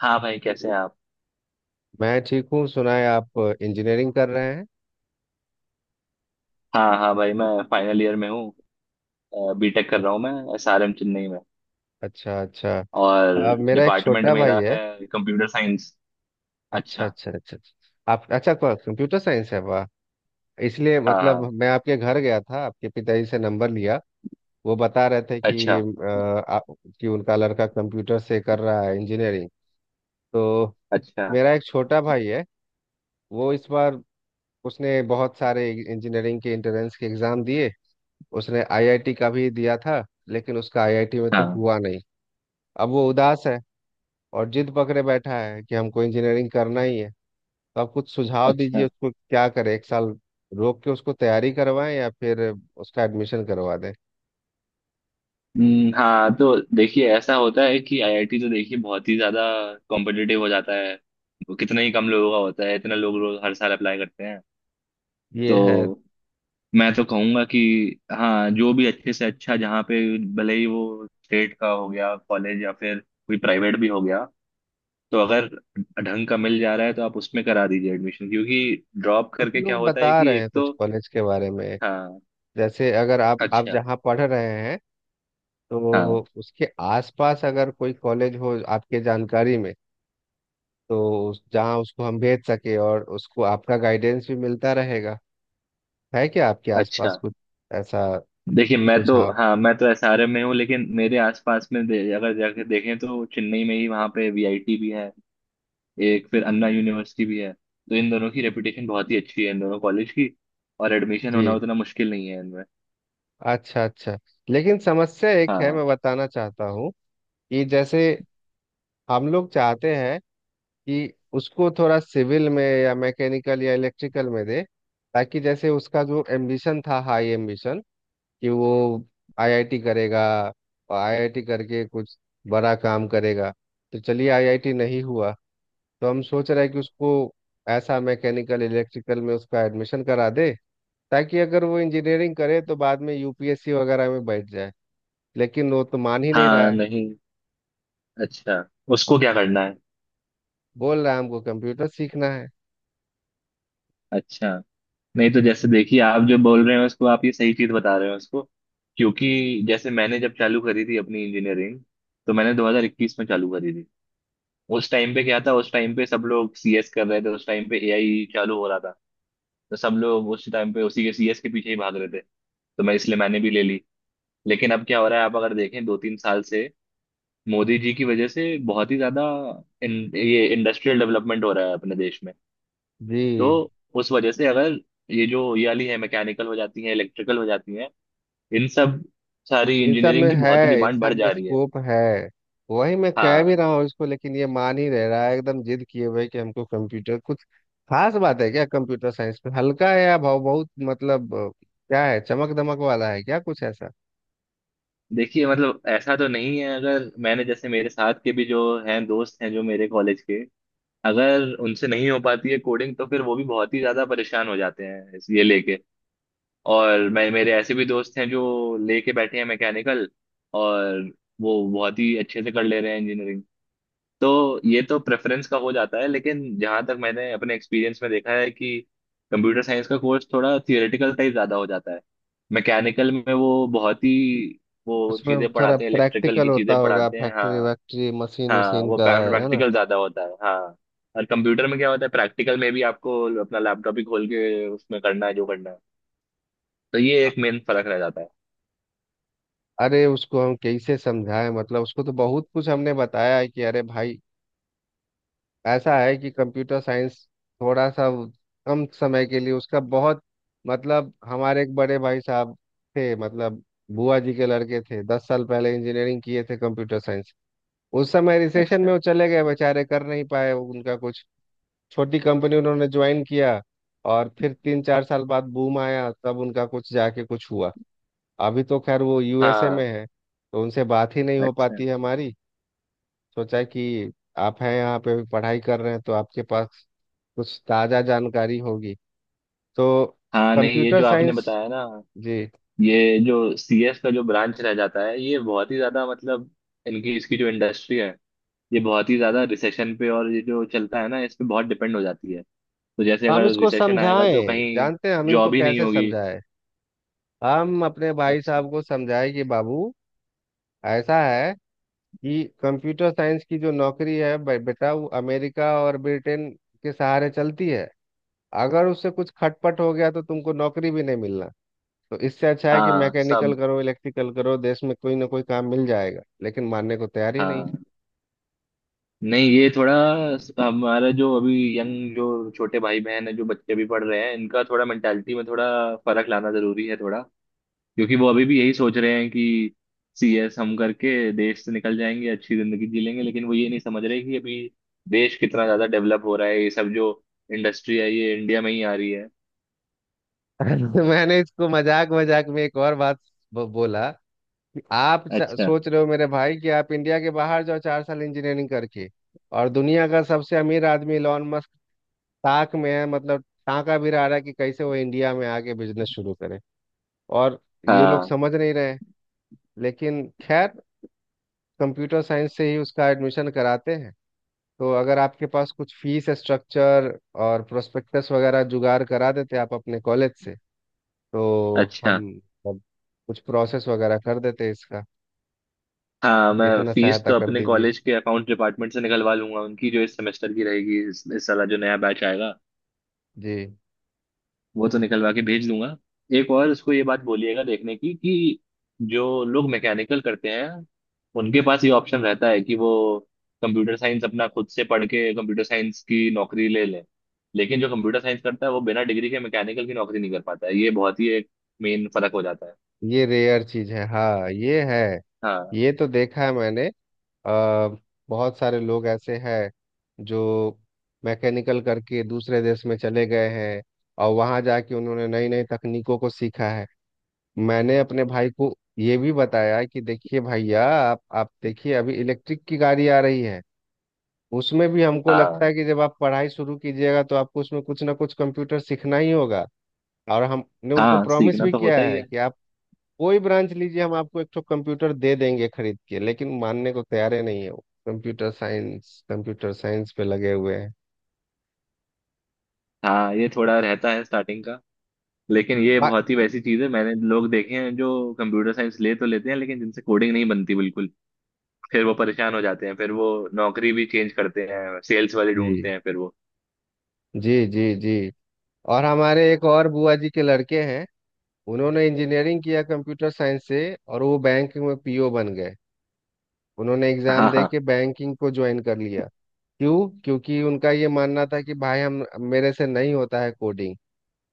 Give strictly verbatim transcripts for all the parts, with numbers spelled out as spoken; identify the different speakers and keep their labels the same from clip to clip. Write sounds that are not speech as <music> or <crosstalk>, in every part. Speaker 1: हाँ भाई, कैसे हैं आप।
Speaker 2: मैं ठीक हूँ। सुना है आप इंजीनियरिंग कर रहे हैं।
Speaker 1: हाँ हाँ भाई, मैं फाइनल ईयर में हूँ। बीटेक कर
Speaker 2: अ-
Speaker 1: रहा हूँ, मैं एसआरएम चेन्नई में।
Speaker 2: अच्छा अच्छा।
Speaker 1: और
Speaker 2: अ, मेरा एक
Speaker 1: डिपार्टमेंट
Speaker 2: छोटा भाई
Speaker 1: मेरा
Speaker 2: है।
Speaker 1: है कंप्यूटर साइंस।
Speaker 2: अच्छा
Speaker 1: अच्छा।
Speaker 2: अच्छा अच्छा अच्छा। आप अच्छा कंप्यूटर साइंस है, वाह। इसलिए
Speaker 1: हाँ
Speaker 2: मतलब
Speaker 1: हाँ,
Speaker 2: मैं आपके घर गया था, आपके पिताजी से नंबर लिया। वो बता रहे थे कि
Speaker 1: अच्छा
Speaker 2: अ, आ, कि उनका लड़का कंप्यूटर से कर रहा है इंजीनियरिंग। तो
Speaker 1: अच्छा।
Speaker 2: मेरा एक छोटा भाई है। वो इस बार उसने बहुत सारे इंजीनियरिंग के एंट्रेंस के एग्ज़ाम दिए। उसने आई आई टी का भी दिया था, लेकिन उसका आई आई टी में तो
Speaker 1: हाँ,
Speaker 2: हुआ नहीं। अब वो उदास है और जिद पकड़े बैठा है कि हमको इंजीनियरिंग करना ही है। तो आप कुछ सुझाव दीजिए,
Speaker 1: अच्छा।
Speaker 2: उसको क्या करे, एक साल रोक के उसको तैयारी करवाएं या फिर उसका एडमिशन करवा दें।
Speaker 1: हम्म, हाँ, तो देखिए ऐसा होता है कि आईआईटी तो देखिए बहुत ही ज़्यादा कॉम्पिटिटिव हो जाता है। वो कितना ही कम लोगों का होता है, इतना लोग रोज हर साल अप्लाई करते हैं।
Speaker 2: ये है।
Speaker 1: तो मैं तो कहूंगा कि हाँ, जो भी अच्छे से अच्छा जहाँ पे, भले ही वो स्टेट का हो गया कॉलेज या फिर कोई प्राइवेट भी हो गया, तो अगर ढंग का मिल जा रहा है तो आप उसमें करा दीजिए एडमिशन, क्योंकि ड्रॉप
Speaker 2: कुछ
Speaker 1: करके क्या
Speaker 2: लोग
Speaker 1: होता है
Speaker 2: बता
Speaker 1: कि
Speaker 2: रहे हैं
Speaker 1: एक
Speaker 2: कुछ
Speaker 1: तो।
Speaker 2: कॉलेज के बारे में।
Speaker 1: हाँ।
Speaker 2: जैसे अगर आप आप
Speaker 1: अच्छा।
Speaker 2: जहाँ पढ़ रहे हैं, तो
Speaker 1: हाँ,
Speaker 2: उसके आसपास अगर कोई कॉलेज हो आपके जानकारी में, तो उस- जहाँ उसको हम भेज सके और उसको आपका गाइडेंस भी मिलता रहेगा। है क्या आपके
Speaker 1: अच्छा।
Speaker 2: आसपास कुछ ऐसा
Speaker 1: देखिए, मैं तो
Speaker 2: सुझाव?
Speaker 1: हाँ मैं तो एसआरएम में हूँ, लेकिन मेरे आसपास में दे, अगर जाके देखें तो चेन्नई में ही वहाँ पे वीआईटी भी है। एक फिर अन्ना यूनिवर्सिटी भी है, तो इन दोनों की रेपुटेशन बहुत ही अच्छी है, इन दोनों कॉलेज की। और एडमिशन होना
Speaker 2: जी,
Speaker 1: उतना मुश्किल नहीं है इनमें।
Speaker 2: अच्छा अच्छा। लेकिन समस्या एक है,
Speaker 1: हाँ
Speaker 2: मैं बताना चाहता हूँ कि जैसे हम लोग चाहते हैं कि उसको थोड़ा सिविल में या मैकेनिकल या इलेक्ट्रिकल में दे, ताकि जैसे उसका जो एम्बिशन था, हाई एम्बिशन कि वो आई आई टी करेगा और आई आई टी करके कुछ बड़ा काम करेगा। तो चलिए, आई आई टी नहीं हुआ तो हम सोच रहे हैं कि उसको ऐसा मैकेनिकल इलेक्ट्रिकल में उसका एडमिशन करा दे, ताकि अगर वो इंजीनियरिंग करे तो बाद में यू पी एस सी वगैरह में बैठ जाए। लेकिन वो तो मान ही नहीं रहा
Speaker 1: हाँ
Speaker 2: है।
Speaker 1: नहीं। अच्छा, उसको क्या करना है।
Speaker 2: बोल रहा है हमको कंप्यूटर सीखना है।
Speaker 1: अच्छा, नहीं तो जैसे देखिए, आप जो बोल रहे हैं उसको, आप ये सही चीज बता रहे हैं उसको। क्योंकि जैसे मैंने जब चालू करी थी अपनी इंजीनियरिंग, तो मैंने दो हज़ार इक्कीस में चालू करी थी। उस टाइम पे क्या था, उस टाइम पे सब लोग सीएस कर रहे थे, उस टाइम पे एआई चालू हो रहा था। तो सब लोग उस टाइम पे उसी के सीएस के पीछे ही भाग रहे थे। तो मैं, इसलिए मैंने भी ले ली। लेकिन अब क्या हो रहा है, आप अगर देखें दो तीन साल से मोदी जी की वजह से बहुत ही ज्यादा इन, ये इंडस्ट्रियल डेवलपमेंट हो रहा है अपने देश में। तो
Speaker 2: जी,
Speaker 1: उस वजह से, अगर ये जो ये वाली है मैकेनिकल हो जाती है, इलेक्ट्रिकल हो जाती है, इन सब सारी
Speaker 2: इन सब
Speaker 1: इंजीनियरिंग
Speaker 2: में
Speaker 1: की बहुत ही
Speaker 2: है, इन
Speaker 1: डिमांड
Speaker 2: सब
Speaker 1: बढ़
Speaker 2: में
Speaker 1: जा रही है।
Speaker 2: स्कोप है, वही मैं कह भी
Speaker 1: हाँ।
Speaker 2: रहा हूँ इसको, लेकिन ये मान ही रह रहा है, एकदम जिद किए हुए कि हमको कंप्यूटर कुछ खास बात है क्या, कंप्यूटर साइंस में? हल्का है या भाव बहुत, मतलब अ, क्या है, चमक दमक वाला है क्या कुछ ऐसा?
Speaker 1: देखिए मतलब ऐसा तो नहीं है, अगर मैंने जैसे मेरे साथ के भी जो हैं दोस्त हैं जो मेरे कॉलेज के, अगर उनसे नहीं हो पाती है कोडिंग तो फिर वो भी बहुत ही ज्यादा परेशान हो जाते हैं इस ये लेके। और मैं, मेरे ऐसे भी दोस्त हैं जो लेके बैठे हैं मैकेनिकल, और वो बहुत ही अच्छे से कर ले रहे हैं इंजीनियरिंग। तो ये तो प्रेफरेंस का हो जाता है, लेकिन जहां तक मैंने अपने एक्सपीरियंस में देखा है कि कंप्यूटर साइंस का कोर्स थोड़ा थियोरेटिकल टाइप ज्यादा हो जाता है। मैकेनिकल में वो बहुत ही वो
Speaker 2: उसमें
Speaker 1: चीजें
Speaker 2: थोड़ा
Speaker 1: पढ़ाते हैं, इलेक्ट्रिकल
Speaker 2: प्रैक्टिकल
Speaker 1: की
Speaker 2: होता
Speaker 1: चीजें
Speaker 2: होगा,
Speaker 1: पढ़ाते हैं।
Speaker 2: फैक्ट्री
Speaker 1: हाँ।
Speaker 2: वैक्ट्री मशीन
Speaker 1: हाँ,
Speaker 2: उशीन
Speaker 1: वो
Speaker 2: का है है ना?
Speaker 1: प्रैक्टिकल ज्यादा होता है। हाँ। और कंप्यूटर में क्या होता है, प्रैक्टिकल में भी आपको अपना लैपटॉप ही खोल के उसमें करना है जो करना है। तो ये एक मेन फर्क रह जाता है।
Speaker 2: अरे उसको हम कैसे समझाएं, मतलब उसको तो बहुत कुछ हमने बताया है कि अरे भाई, ऐसा है कि कंप्यूटर साइंस थोड़ा सा वो- कम समय के लिए उसका बहुत मतलब। हमारे एक बड़े भाई साहब थे, मतलब बुआ जी के लड़के थे, दस साल पहले इंजीनियरिंग किए थे कंप्यूटर साइंस। उस समय रिसेशन में
Speaker 1: अच्छा।
Speaker 2: वो चले गए बेचारे, कर नहीं पाए वो, उनका कुछ छोटी कंपनी उन्होंने ज्वाइन किया। और फिर तीन चार साल बाद बूम आया, तब उनका कुछ जाके कुछ हुआ। अभी तो खैर वो यू एस ए में
Speaker 1: हाँ,
Speaker 2: है, तो उनसे बात ही नहीं हो
Speaker 1: अच्छा।
Speaker 2: पाती है हमारी। सोचा है कि आप हैं यहाँ पे पढ़ाई कर रहे हैं, तो आपके पास कुछ ताज़ा जानकारी होगी। तो
Speaker 1: हाँ नहीं, ये
Speaker 2: कंप्यूटर
Speaker 1: जो आपने
Speaker 2: साइंस।
Speaker 1: बताया ना,
Speaker 2: जी।
Speaker 1: ये जो सीएस का जो ब्रांच रह जाता है, ये बहुत ही ज्यादा मतलब इनकी इसकी जो इंडस्ट्री है, ये बहुत ही ज्यादा रिसेशन पे और ये जो चलता है ना इस पे बहुत डिपेंड हो जाती है। तो जैसे
Speaker 2: हम
Speaker 1: अगर
Speaker 2: इसको
Speaker 1: रिसेशन आएगा तो
Speaker 2: समझाएं,
Speaker 1: कहीं
Speaker 2: जानते हैं हम इनको
Speaker 1: जॉब ही नहीं
Speaker 2: कैसे
Speaker 1: होगी।
Speaker 2: समझाएं। हम अपने भाई
Speaker 1: अच्छा।
Speaker 2: साहब को समझाएं कि बाबू, ऐसा है कि कंप्यूटर साइंस की जो नौकरी है, बे- बेटा वो अमेरिका और ब्रिटेन के सहारे चलती है। अगर उससे कुछ खटपट हो गया तो तुमको नौकरी भी नहीं मिलना। तो इससे अच्छा है कि
Speaker 1: हाँ
Speaker 2: मैकेनिकल
Speaker 1: सब।
Speaker 2: करो, इलेक्ट्रिकल करो, देश में कोई ना कोई काम मिल जाएगा। लेकिन मानने को तैयार ही नहीं।
Speaker 1: हाँ नहीं, ये थोड़ा हमारा जो अभी यंग जो छोटे भाई बहन है, जो बच्चे भी पढ़ रहे हैं, इनका थोड़ा मेंटालिटी में थोड़ा फर्क लाना जरूरी है थोड़ा। क्योंकि वो अभी भी यही सोच रहे हैं कि सीएस हम करके देश से निकल जाएंगे, अच्छी जिंदगी जी लेंगे। लेकिन वो ये नहीं समझ रहे कि अभी देश कितना ज्यादा डेवलप हो रहा है, ये सब जो इंडस्ट्री है ये इंडिया में ही आ रही है।
Speaker 2: <laughs> मैंने इसको मजाक मजाक में एक और बात ब- बोला कि आप च-
Speaker 1: अच्छा।
Speaker 2: सोच रहे हो मेरे भाई कि आप इंडिया के बाहर जाओ चार साल इंजीनियरिंग करके, और दुनिया का सबसे अमीर आदमी इलॉन मस्क ताक में है, मतलब टाँका भी रहा है कि कैसे वो इंडिया में आके बिजनेस शुरू करे। और ये लोग
Speaker 1: हाँ,
Speaker 2: समझ नहीं रहे। लेकिन खैर, कंप्यूटर साइंस से ही उसका एडमिशन कराते हैं। तो अगर आपके पास कुछ फीस स्ट्रक्चर और प्रोस्पेक्टस वगैरह जुगाड़ करा देते आप अपने कॉलेज से, तो
Speaker 1: अच्छा।
Speaker 2: हम सब कुछ प्रोसेस वगैरह कर देते इसका।
Speaker 1: हाँ मैं,
Speaker 2: इतना
Speaker 1: फीस
Speaker 2: सहायता
Speaker 1: तो
Speaker 2: कर
Speaker 1: अपने
Speaker 2: दीजिए।
Speaker 1: कॉलेज के अकाउंट डिपार्टमेंट से निकलवा लूंगा, उनकी जो इस सेमेस्टर की रहेगी, इस, इस साल जो नया बैच आएगा,
Speaker 2: जी।
Speaker 1: वो तो निकलवा के भेज दूंगा। एक और उसको ये बात बोलिएगा देखने की कि जो लोग मैकेनिकल करते हैं, उनके पास ये ऑप्शन रहता है कि वो कंप्यूटर साइंस अपना खुद से पढ़ के कंप्यूटर साइंस की नौकरी ले लें। लेकिन जो कंप्यूटर साइंस करता है, वो बिना डिग्री के मैकेनिकल की नौकरी नहीं कर पाता है। ये बहुत ही एक मेन फर्क हो जाता है।
Speaker 2: ये रेयर चीज है, हाँ ये है,
Speaker 1: हाँ।
Speaker 2: ये तो देखा है मैंने। अ, बहुत सारे लोग ऐसे हैं जो मैकेनिकल करके दूसरे देश में चले गए हैं और वहाँ जाके उन्होंने नई नई तकनीकों को सीखा है। मैंने अपने भाई को ये भी बताया कि देखिए भैया, आप आप देखिए, अभी इलेक्ट्रिक की गाड़ी आ रही है, उसमें भी हमको लगता
Speaker 1: हाँ,
Speaker 2: है कि जब आप पढ़ाई शुरू कीजिएगा तो आपको उसमें कुछ ना कुछ कंप्यूटर सीखना ही होगा। और हमने उनको
Speaker 1: हाँ,
Speaker 2: प्रॉमिस
Speaker 1: सीखना
Speaker 2: भी
Speaker 1: तो होता
Speaker 2: किया
Speaker 1: ही
Speaker 2: है
Speaker 1: है।
Speaker 2: कि आप कोई ब्रांच लीजिए, हम आपको एक ठो कंप्यूटर दे देंगे खरीद के। लेकिन मानने को तैयार ही नहीं है, वो कंप्यूटर साइंस कंप्यूटर साइंस पे लगे हुए हैं।
Speaker 1: हाँ, ये थोड़ा रहता है स्टार्टिंग का, लेकिन ये
Speaker 2: आ-
Speaker 1: बहुत ही वैसी चीज है। मैंने लोग देखे हैं जो कंप्यूटर साइंस ले तो लेते हैं, लेकिन जिनसे कोडिंग नहीं बनती बिल्कुल, फिर वो परेशान हो जाते हैं, फिर वो नौकरी भी चेंज करते हैं, सेल्स वाले
Speaker 2: जी
Speaker 1: ढूंढते हैं, फिर वो।
Speaker 2: जी जी जी। और हमारे एक और बुआ जी के लड़के हैं, उन्होंने इंजीनियरिंग किया कंप्यूटर साइंस से, और वो बैंकिंग में पी ओ बन गए। उन्होंने
Speaker 1: हाँ
Speaker 2: एग्जाम दे
Speaker 1: हाँ।
Speaker 2: के बैंकिंग को ज्वाइन कर लिया। क्यों? क्योंकि उनका ये मानना था कि भाई हम, मेरे से नहीं होता है कोडिंग।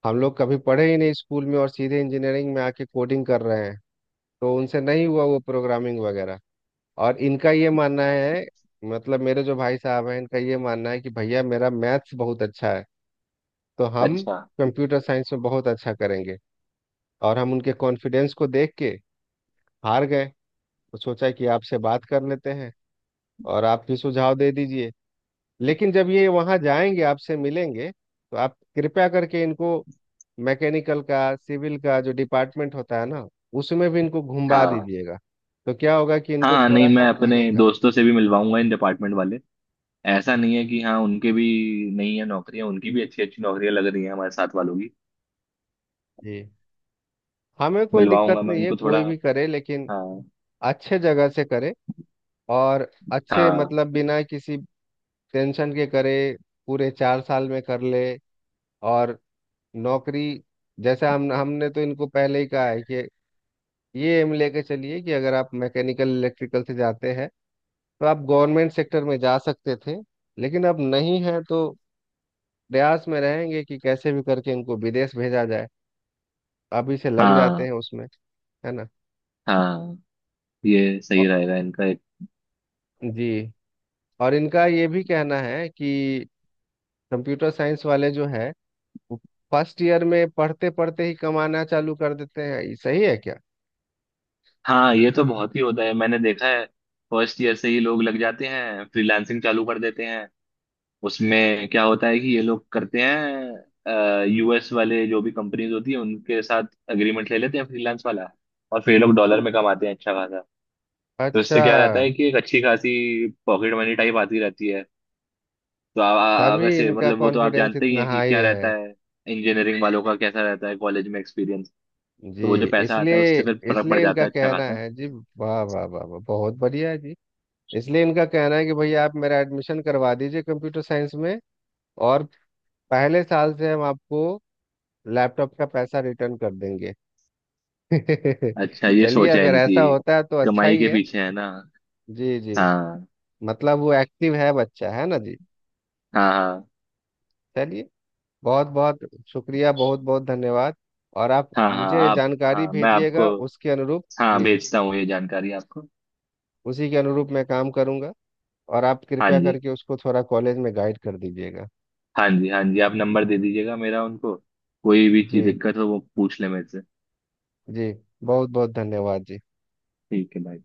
Speaker 2: हम लोग कभी पढ़े ही नहीं स्कूल में और सीधे इंजीनियरिंग में आके कोडिंग कर रहे हैं, तो उनसे नहीं हुआ वो प्रोग्रामिंग वगैरह। और इनका ये मानना है, मतलब मेरे जो भाई साहब हैं इनका ये मानना है कि भैया, मेरा मैथ्स बहुत अच्छा है, तो हम
Speaker 1: अच्छा।
Speaker 2: कंप्यूटर साइंस में बहुत अच्छा करेंगे। और हम उनके कॉन्फिडेंस को देख के हार गए। तो सोचा कि आपसे बात कर लेते हैं, और आप भी सुझाव दे दीजिए। लेकिन जब ये वहाँ जाएंगे, आपसे मिलेंगे, तो आप कृपया करके इनको मैकेनिकल का, सिविल का जो डिपार्टमेंट होता है ना, उसमें भी इनको घुमा
Speaker 1: हाँ
Speaker 2: दीजिएगा। तो क्या होगा कि इनको
Speaker 1: हाँ नहीं,
Speaker 2: थोड़ा सा
Speaker 1: मैं अपने
Speaker 2: लगेगा।
Speaker 1: दोस्तों से भी मिलवाऊंगा इन डिपार्टमेंट वाले। ऐसा नहीं है कि हाँ, उनके भी नहीं है नौकरियां, उनकी भी अच्छी अच्छी नौकरियां लग रही हैं, हमारे साथ वालों की।
Speaker 2: जी, हमें कोई दिक्कत
Speaker 1: मिलवाऊंगा मैं
Speaker 2: नहीं है,
Speaker 1: उनको थोड़ा।
Speaker 2: कोई भी करे, लेकिन
Speaker 1: हाँ
Speaker 2: अच्छे जगह से करे, और अच्छे
Speaker 1: हाँ
Speaker 2: मतलब बिना किसी टेंशन के करे। पूरे चार साल में कर ले। और नौकरी, जैसे हम हमने तो इनको पहले ही कहा है कि ये एम लेके चलिए कि अगर आप मैकेनिकल इलेक्ट्रिकल से जाते हैं तो आप गवर्नमेंट सेक्टर में जा सकते थे, लेकिन अब नहीं है तो प्रयास में रहेंगे कि कैसे भी करके इनको विदेश भेजा जाए। अभी से लग जाते
Speaker 1: हाँ
Speaker 2: हैं उसमें, है ना?
Speaker 1: हाँ। ये सही
Speaker 2: औ-
Speaker 1: रहेगा इनका एक।
Speaker 2: जी। और इनका ये भी कहना है कि कंप्यूटर साइंस वाले जो है, वो फर्स्ट ईयर में पढ़ते पढ़ते ही कमाना चालू कर देते हैं, ये सही है क्या?
Speaker 1: हाँ, ये तो बहुत ही होता है, मैंने देखा है। फर्स्ट ईयर से ही लोग लग जाते हैं, फ्रीलांसिंग चालू कर देते हैं। उसमें क्या होता है कि ये लोग करते हैं, यूएस वाले जो भी कंपनीज होती है उनके साथ एग्रीमेंट ले लेते हैं फ्रीलांस वाला, और फिर ये लोग डॉलर में कमाते हैं अच्छा खासा। तो इससे
Speaker 2: अच्छा,
Speaker 1: क्या रहता है कि एक अच्छी खासी पॉकेट मनी टाइप आती रहती है। तो आ, आ,
Speaker 2: तभी
Speaker 1: वैसे
Speaker 2: इनका
Speaker 1: मतलब वो तो आप
Speaker 2: कॉन्फिडेंस
Speaker 1: जानते ही
Speaker 2: इतना
Speaker 1: हैं कि
Speaker 2: हाई
Speaker 1: क्या रहता
Speaker 2: है।
Speaker 1: है, इंजीनियरिंग वालों का कैसा रहता है कॉलेज में एक्सपीरियंस।
Speaker 2: जी,
Speaker 1: तो वो जो पैसा आता है, उससे
Speaker 2: इसलिए,
Speaker 1: फिर फर्क पड़
Speaker 2: इसलिए इनका
Speaker 1: जाता है अच्छा
Speaker 2: कहना
Speaker 1: खासा।
Speaker 2: है। जी, वाह वाह वाह वाह, बहुत बढ़िया है जी। इसलिए इनका कहना है कि भैया आप मेरा एडमिशन करवा दीजिए कंप्यूटर साइंस में, और पहले साल से हम आपको लैपटॉप का पैसा रिटर्न कर देंगे। <laughs>
Speaker 1: अच्छा, ये
Speaker 2: चलिए,
Speaker 1: सोच है
Speaker 2: अगर
Speaker 1: इनकी,
Speaker 2: ऐसा होता है तो अच्छा
Speaker 1: कमाई
Speaker 2: ही
Speaker 1: के
Speaker 2: है।
Speaker 1: पीछे है ना।
Speaker 2: जी जी।
Speaker 1: हाँ।
Speaker 2: मतलब वो एक्टिव है, बच्चा है ना जी।
Speaker 1: हाँ हाँ
Speaker 2: चलिए, बहुत बहुत शुक्रिया, बहुत बहुत धन्यवाद। और आप
Speaker 1: हाँ हाँ
Speaker 2: मुझे
Speaker 1: आप,
Speaker 2: जानकारी
Speaker 1: हाँ मैं आपको,
Speaker 2: भेजिएगा उसके अनुरूप।
Speaker 1: हाँ
Speaker 2: जी,
Speaker 1: बेचता हूँ ये जानकारी आपको।
Speaker 2: उसी के अनुरूप मैं काम करूंगा। और आप
Speaker 1: हाँ
Speaker 2: कृपया
Speaker 1: जी।
Speaker 2: करके उसको थोड़ा कॉलेज में गाइड कर दीजिएगा।
Speaker 1: हाँ जी, हाँ जी, आप नंबर दे दीजिएगा मेरा उनको, कोई भी चीज
Speaker 2: जी
Speaker 1: दिक्कत हो वो पूछ ले मेरे से।
Speaker 2: जी, बहुत बहुत धन्यवाद जी।
Speaker 1: ठीक है भाई।